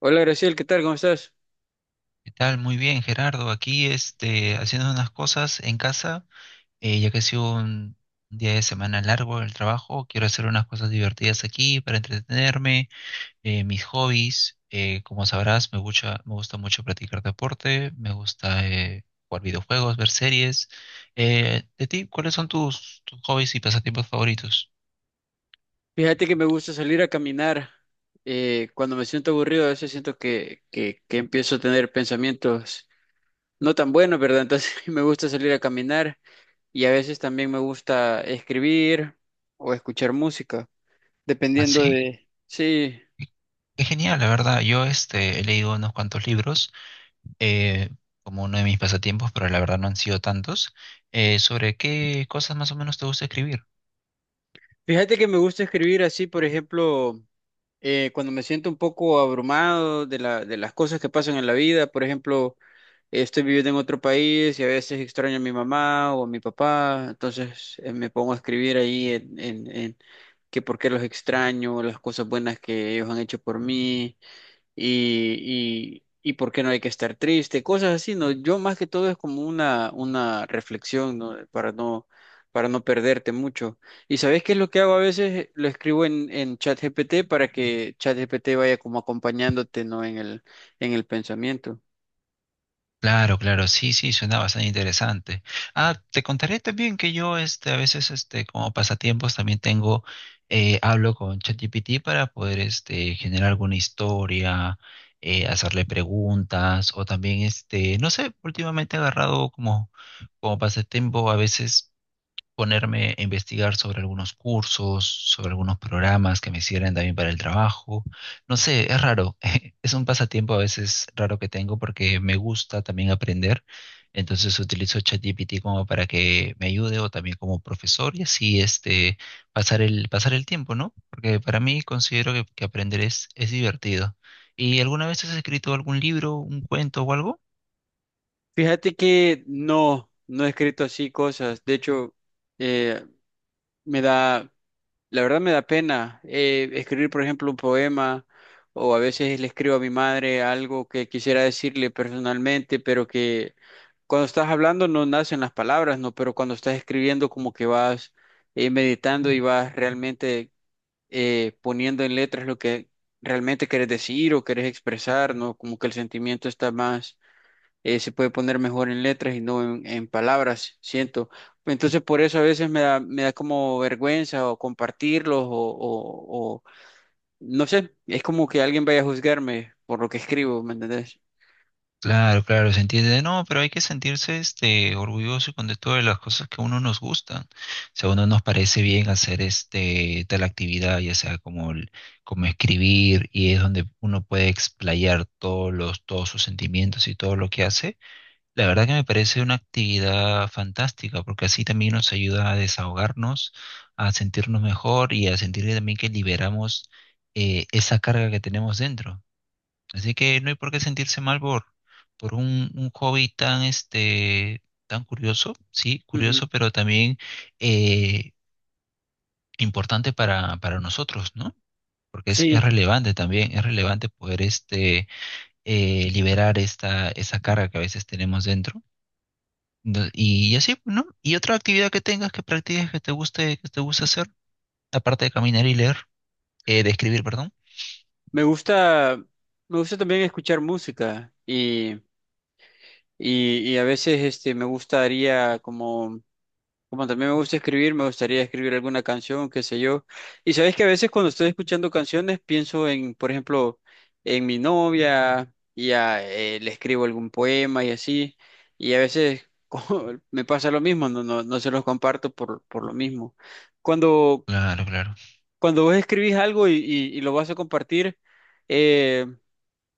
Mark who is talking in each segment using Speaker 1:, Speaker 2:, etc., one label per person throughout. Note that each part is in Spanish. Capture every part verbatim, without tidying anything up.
Speaker 1: Hola Graciel, ¿qué tal? ¿Cómo estás?
Speaker 2: ¿Qué tal? Muy bien, Gerardo. Aquí este, haciendo unas cosas en casa, eh, ya que ha sido un día de semana largo en el trabajo, quiero hacer unas cosas divertidas aquí para entretenerme, eh, mis hobbies. Eh, como sabrás, me gusta, me gusta mucho practicar deporte, me gusta eh, jugar videojuegos, ver series. Eh, de ti, ¿cuáles son tus, tus hobbies y pasatiempos favoritos?
Speaker 1: Fíjate que me gusta salir a caminar. Eh, cuando me siento aburrido, a veces siento que, que, que empiezo a tener pensamientos no tan buenos, ¿verdad? Entonces me gusta salir a caminar, y a veces también me gusta escribir o escuchar música,
Speaker 2: Ah,
Speaker 1: dependiendo
Speaker 2: sí.
Speaker 1: de... Sí,
Speaker 2: Qué Qué genial, la verdad. Yo este, he leído unos cuantos libros eh, como uno de mis pasatiempos, pero la verdad no han sido tantos. Eh, ¿sobre qué cosas más o menos te gusta escribir?
Speaker 1: fíjate que me gusta escribir así. Por ejemplo, eh, cuando me siento un poco abrumado de la, de las cosas que pasan en la vida, por ejemplo... Estoy viviendo en otro país y a veces extraño a mi mamá o a mi papá. Entonces eh, me pongo a escribir ahí en, en, en que por qué los extraño, las cosas buenas que ellos han hecho por mí, y, y, y por qué no hay que estar triste, cosas así, ¿no? Yo, más que todo, es como una, una reflexión, ¿no? Para no, para no perderte mucho. ¿Y sabes qué es lo que hago a veces? Lo escribo en, en ChatGPT, para que ChatGPT vaya como acompañándote, ¿no? En el, en el pensamiento.
Speaker 2: Claro, claro, sí, sí, suena bastante interesante. Ah, te contaré también que yo, este, a veces, este, como pasatiempos también tengo, eh, hablo con ChatGPT para poder, este, generar alguna historia, eh, hacerle preguntas, o también, este, no sé, últimamente he agarrado como, como pasatiempo a veces ponerme a investigar sobre algunos cursos, sobre algunos programas que me sirven también para el trabajo. No sé, es raro. Es un pasatiempo a veces raro que tengo porque me gusta también aprender. Entonces utilizo ChatGPT como para que me ayude o también como profesor y así este pasar el pasar el tiempo, ¿no? Porque para mí considero que, que aprender es, es divertido. ¿Y alguna vez has escrito algún libro, un cuento o algo?
Speaker 1: Fíjate que no, no he escrito así cosas. De hecho, eh, me da, la verdad me da pena eh, escribir, por ejemplo, un poema, o a veces le escribo a mi madre algo que quisiera decirle personalmente, pero que cuando estás hablando no nacen las palabras, ¿no? Pero cuando estás escribiendo, como que vas eh, meditando y vas realmente eh, poniendo en letras lo que realmente quieres decir o quieres expresar, ¿no? Como que el sentimiento está más eh, se puede poner mejor en letras y no en, en palabras, siento. Entonces por eso a veces me da, me da como vergüenza, o compartirlos o, o- o- no sé, es como que alguien vaya a juzgarme por lo que escribo, ¿me entendés?
Speaker 2: Claro, claro, se entiende. No, pero hay que sentirse este orgulloso y contento de todas las cosas que a uno nos gustan. Si a uno nos parece bien hacer este tal actividad, ya sea como el- como escribir, y es donde uno puede explayar todos los, todos sus sentimientos y todo lo que hace, la verdad que me parece una actividad fantástica, porque así también nos ayuda a desahogarnos, a sentirnos mejor y a sentir también que liberamos eh, esa carga que tenemos dentro. Así que no hay por qué sentirse mal por, por un, un hobby tan, este, tan curioso, sí,
Speaker 1: Ujú.
Speaker 2: curioso, pero también eh, importante para, para nosotros, ¿no? Porque es, es
Speaker 1: Sí,
Speaker 2: relevante también, es relevante poder este, eh, liberar esta, esa carga que a veces tenemos dentro. Ento- Y, así, pues, ¿no? Y otra actividad que tengas, que practiques, que te guste, que te guste hacer, aparte de caminar y leer, eh, de escribir, perdón.
Speaker 1: me gusta, me gusta también escuchar música y, y, y a veces este, me gustaría como... Como también me gusta escribir, me gustaría escribir alguna canción, qué sé yo. Y sabes que a veces cuando estoy escuchando canciones pienso en, por ejemplo, en mi novia, y a- eh, le escribo algún poema y así. Y a veces como me pasa lo mismo, no, no, no se los comparto por, por lo mismo. Cuando,
Speaker 2: Claro, claro,
Speaker 1: cuando vos escribís algo y, y- y lo vas a compartir, eh,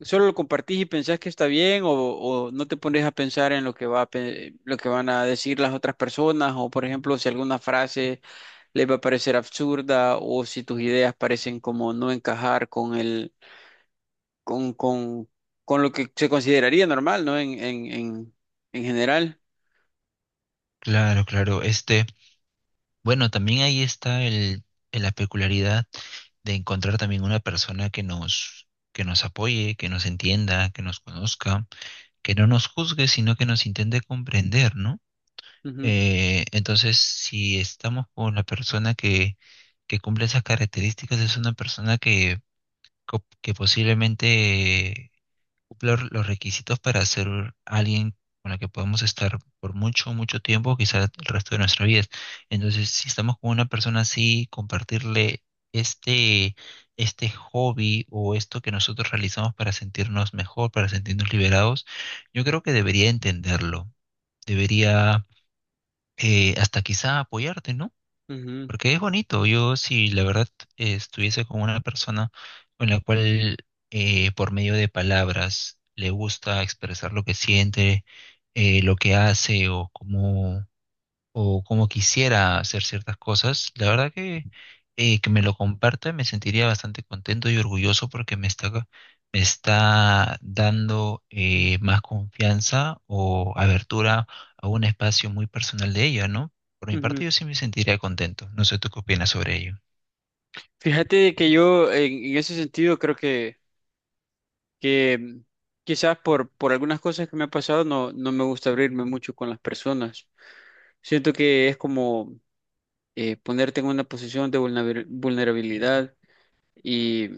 Speaker 1: ¿solo lo compartís y pensás que está bien? O, ¿o no te pones a pensar en lo que va a, pe- lo que van a decir las otras personas? O, por ejemplo, si alguna frase les va a parecer absurda, o si tus ideas parecen como no encajar con el con, con, con lo que se consideraría normal, ¿no? En, en, en, en general.
Speaker 2: claro, claro. Este. Bueno, también ahí está el, el- la peculiaridad de encontrar también una persona que nos, que nos apoye, que nos entienda, que nos conozca, que no nos juzgue, sino que nos intente comprender, ¿no?
Speaker 1: Ujú,
Speaker 2: Eh, entonces, si estamos con la persona que, que cumple esas características, es una persona que, co- que posiblemente cumplir los requisitos para ser alguien con la que podemos estar por mucho, mucho tiempo, quizás el resto de nuestra vida. Entonces, si estamos con una persona así, compartirle este, este hobby o esto que nosotros realizamos para sentirnos mejor, para sentirnos liberados, yo creo que debería entenderlo, debería eh, hasta quizá apoyarte, ¿no?
Speaker 1: ujú,
Speaker 2: Porque es bonito. Yo, si la verdad eh, estuviese con una persona con la cual eh, por medio de palabras le gusta expresar lo que siente, eh, lo que hace o cómo, o cómo quisiera hacer ciertas cosas, la verdad que, eh, que me lo comparta me sentiría bastante contento y orgulloso porque me está, me está dando eh, más confianza o abertura a un espacio muy personal de ella, ¿no? Por mi
Speaker 1: ujú.
Speaker 2: parte, yo sí me sentiría contento. No sé tú qué opinas sobre ello.
Speaker 1: Fíjate de que yo en, en ese sentido creo que, que mm, quizás por, por algunas cosas que me ha pasado, no, no me gusta abrirme mucho con las personas. Siento que es como eh, ponerte en una posición de vulnerabil- vulnerabilidad y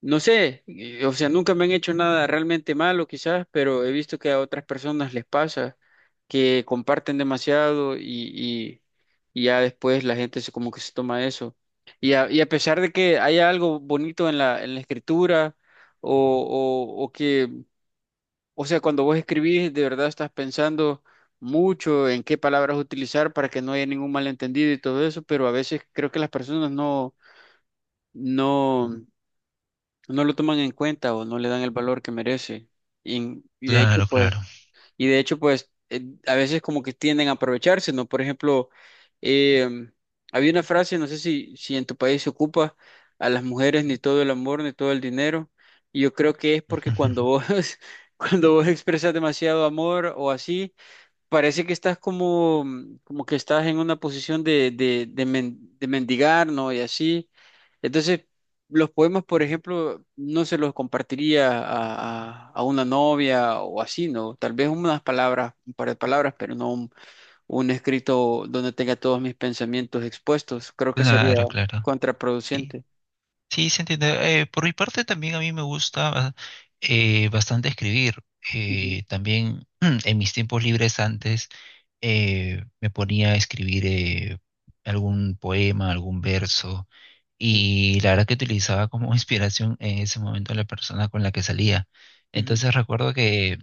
Speaker 1: no sé, eh, o sea, nunca me han hecho nada realmente malo, quizás, pero he visto que a otras personas les pasa que comparten demasiado y, y- y ya después la gente se, como que se toma eso. Y a, y a pesar de que haya algo bonito en la, en la escritura o, o, o que O sea, cuando vos escribís, de verdad estás pensando mucho en qué palabras utilizar para que no haya ningún malentendido y todo eso, pero a veces creo que las personas no, no, no lo toman en cuenta o no le dan el valor que merece. Y, y de hecho,
Speaker 2: Claro,
Speaker 1: pues
Speaker 2: claro.
Speaker 1: y de hecho, pues eh, a veces como que tienden a aprovecharse, ¿no? Por ejemplo, em, había una frase, no sé si, si en tu país se ocupa: a las mujeres ni todo el amor, ni todo el dinero. Y yo creo que es porque cuando vos, cuando vos expresas demasiado amor o así, parece que estás como, como que estás en una posición de, de, de, men- de mendigar, ¿no? Y así. Entonces, los poemas, por ejemplo, no se los compartiría a, a- a una novia o así, ¿no? Tal vez unas palabras, un par de palabras, pero no un, un escrito donde tenga todos mis pensamientos expuestos. Creo que sería
Speaker 2: Claro, claro. Sí.
Speaker 1: contraproducente.
Speaker 2: Sí, se entiende. Eh, por mi parte también a mí me gusta eh, bastante escribir.
Speaker 1: Ujú.
Speaker 2: Eh, también en mis tiempos libres antes eh, me ponía a escribir eh, algún poema, algún verso y la verdad que utilizaba como inspiración en ese momento a la persona con la que salía.
Speaker 1: Ujú.
Speaker 2: Entonces recuerdo que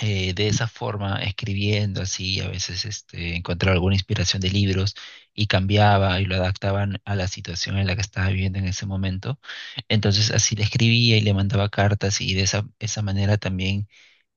Speaker 2: eh, de esa forma, escribiendo así, a veces este, encontraba alguna inspiración de libros y cambiaba y lo adaptaban a la situación en la que estaba viviendo en ese momento. Entonces así le escribía y le mandaba cartas y de esa, esa manera también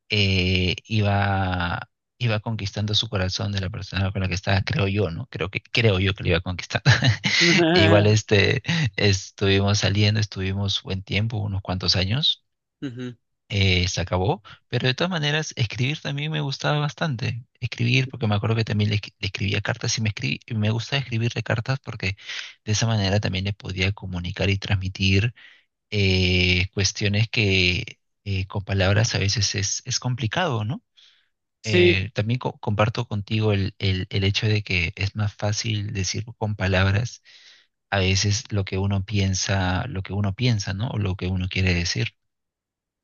Speaker 2: eh, iba, iba conquistando su corazón de la persona con la que estaba, creo yo, ¿no? Creo que, creo yo que lo iba conquistando. Igual este, estuvimos saliendo, estuvimos buen tiempo, unos cuantos años
Speaker 1: Ujú.
Speaker 2: eh, se acabó, pero de todas maneras escribir también me gustaba bastante. Escribir, porque me acuerdo que también le, escri- le escribía cartas y me, escribí, me gustaba escribirle cartas porque de esa manera también le podía comunicar y transmitir eh, cuestiones que eh, con palabras a veces es, es complicado, ¿no?
Speaker 1: Sí,
Speaker 2: Eh, también co- comparto contigo el, el, el hecho de que es más fácil decir con palabras a veces lo que uno piensa, lo que uno piensa, ¿no? O lo que uno quiere decir.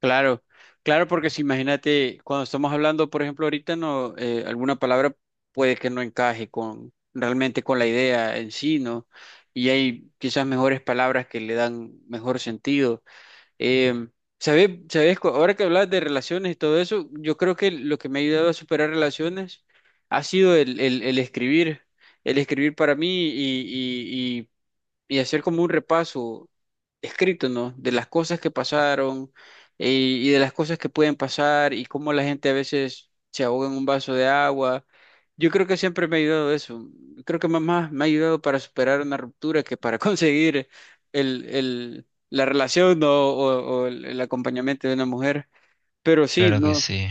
Speaker 1: claro, claro, porque si imagínate, cuando estamos hablando, por ejemplo, ahorita no, eh, alguna palabra puede que no encaje con realmente con la idea en sí, ¿no? Y hay quizás mejores palabras que le dan mejor sentido. Eh, ¿sabes, sabes? cu- Ahora que hablas de relaciones y todo eso, yo creo que lo que me ha ayudado a superar relaciones ha sido el, el, el escribir, el escribir para mí, y, y hacer como un repaso escrito, ¿no? De las cosas que pasaron eh, y de las cosas que pueden pasar, y cómo la gente a veces se ahoga en un vaso de agua. Yo creo que siempre me ha ayudado eso. Creo que más me ha ayudado para superar una ruptura que para conseguir el, el, la relación, ¿no? O, o el, el acompañamiento de una mujer. Pero sí,
Speaker 2: Claro que
Speaker 1: no,
Speaker 2: sí.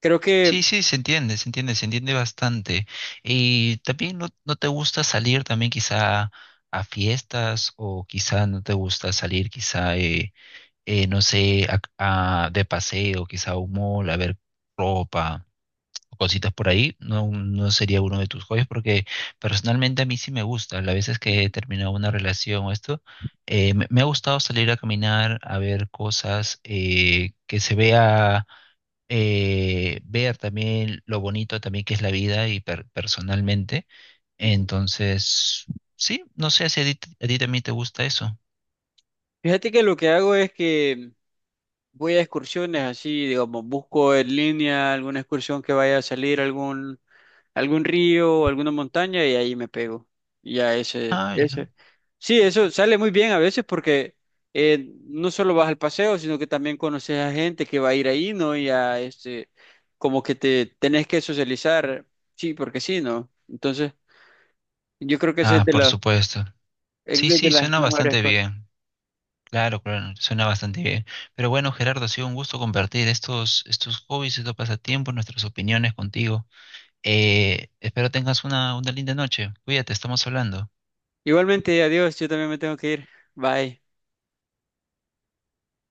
Speaker 1: creo
Speaker 2: Sí,
Speaker 1: que,
Speaker 2: sí, se entiende, se entiende, se entiende bastante. Y también no, no te gusta salir también quizá a fiestas o quizá no te gusta salir quizá, eh, eh, no sé, a- a- de paseo, quizá a un mall, a ver ropa o cositas por ahí. No, no sería uno de tus hobbies porque personalmente a mí sí me gusta. Las veces que he terminado una relación o esto, eh, me, me ha gustado salir a caminar, a ver cosas, eh, que se vea eh, ver también lo bonito también que es la vida y per- personalmente. Entonces, sí, no sé si a ti, a ti también te gusta eso.
Speaker 1: fíjate que lo que hago es que voy a excursiones así, digamos, busco en línea alguna excursión que vaya a salir a algún, algún río o alguna montaña, y ahí me pego. Y ya ese,
Speaker 2: Ay, no.
Speaker 1: ese. Sí, eso sale muy bien a veces porque eh, no solo vas al paseo, sino que también conoces a gente que va a ir ahí, ¿no? Y a este, como que te tenés que socializar, sí, porque sí, ¿no? Entonces, yo creo que esa es
Speaker 2: Ah,
Speaker 1: de
Speaker 2: por
Speaker 1: las,
Speaker 2: supuesto.
Speaker 1: es
Speaker 2: Sí,
Speaker 1: de de
Speaker 2: sí,
Speaker 1: las
Speaker 2: suena
Speaker 1: mejores
Speaker 2: bastante
Speaker 1: cosas.
Speaker 2: bien. Claro, claro, suena bastante bien. Pero bueno, Gerardo, ha sido un gusto compartir estos, estos hobbies, estos pasatiempos, nuestras opiniones contigo. Eh, espero tengas una, una linda noche. Cuídate, estamos hablando.
Speaker 1: Igualmente, adiós, yo también me tengo que ir. Bye.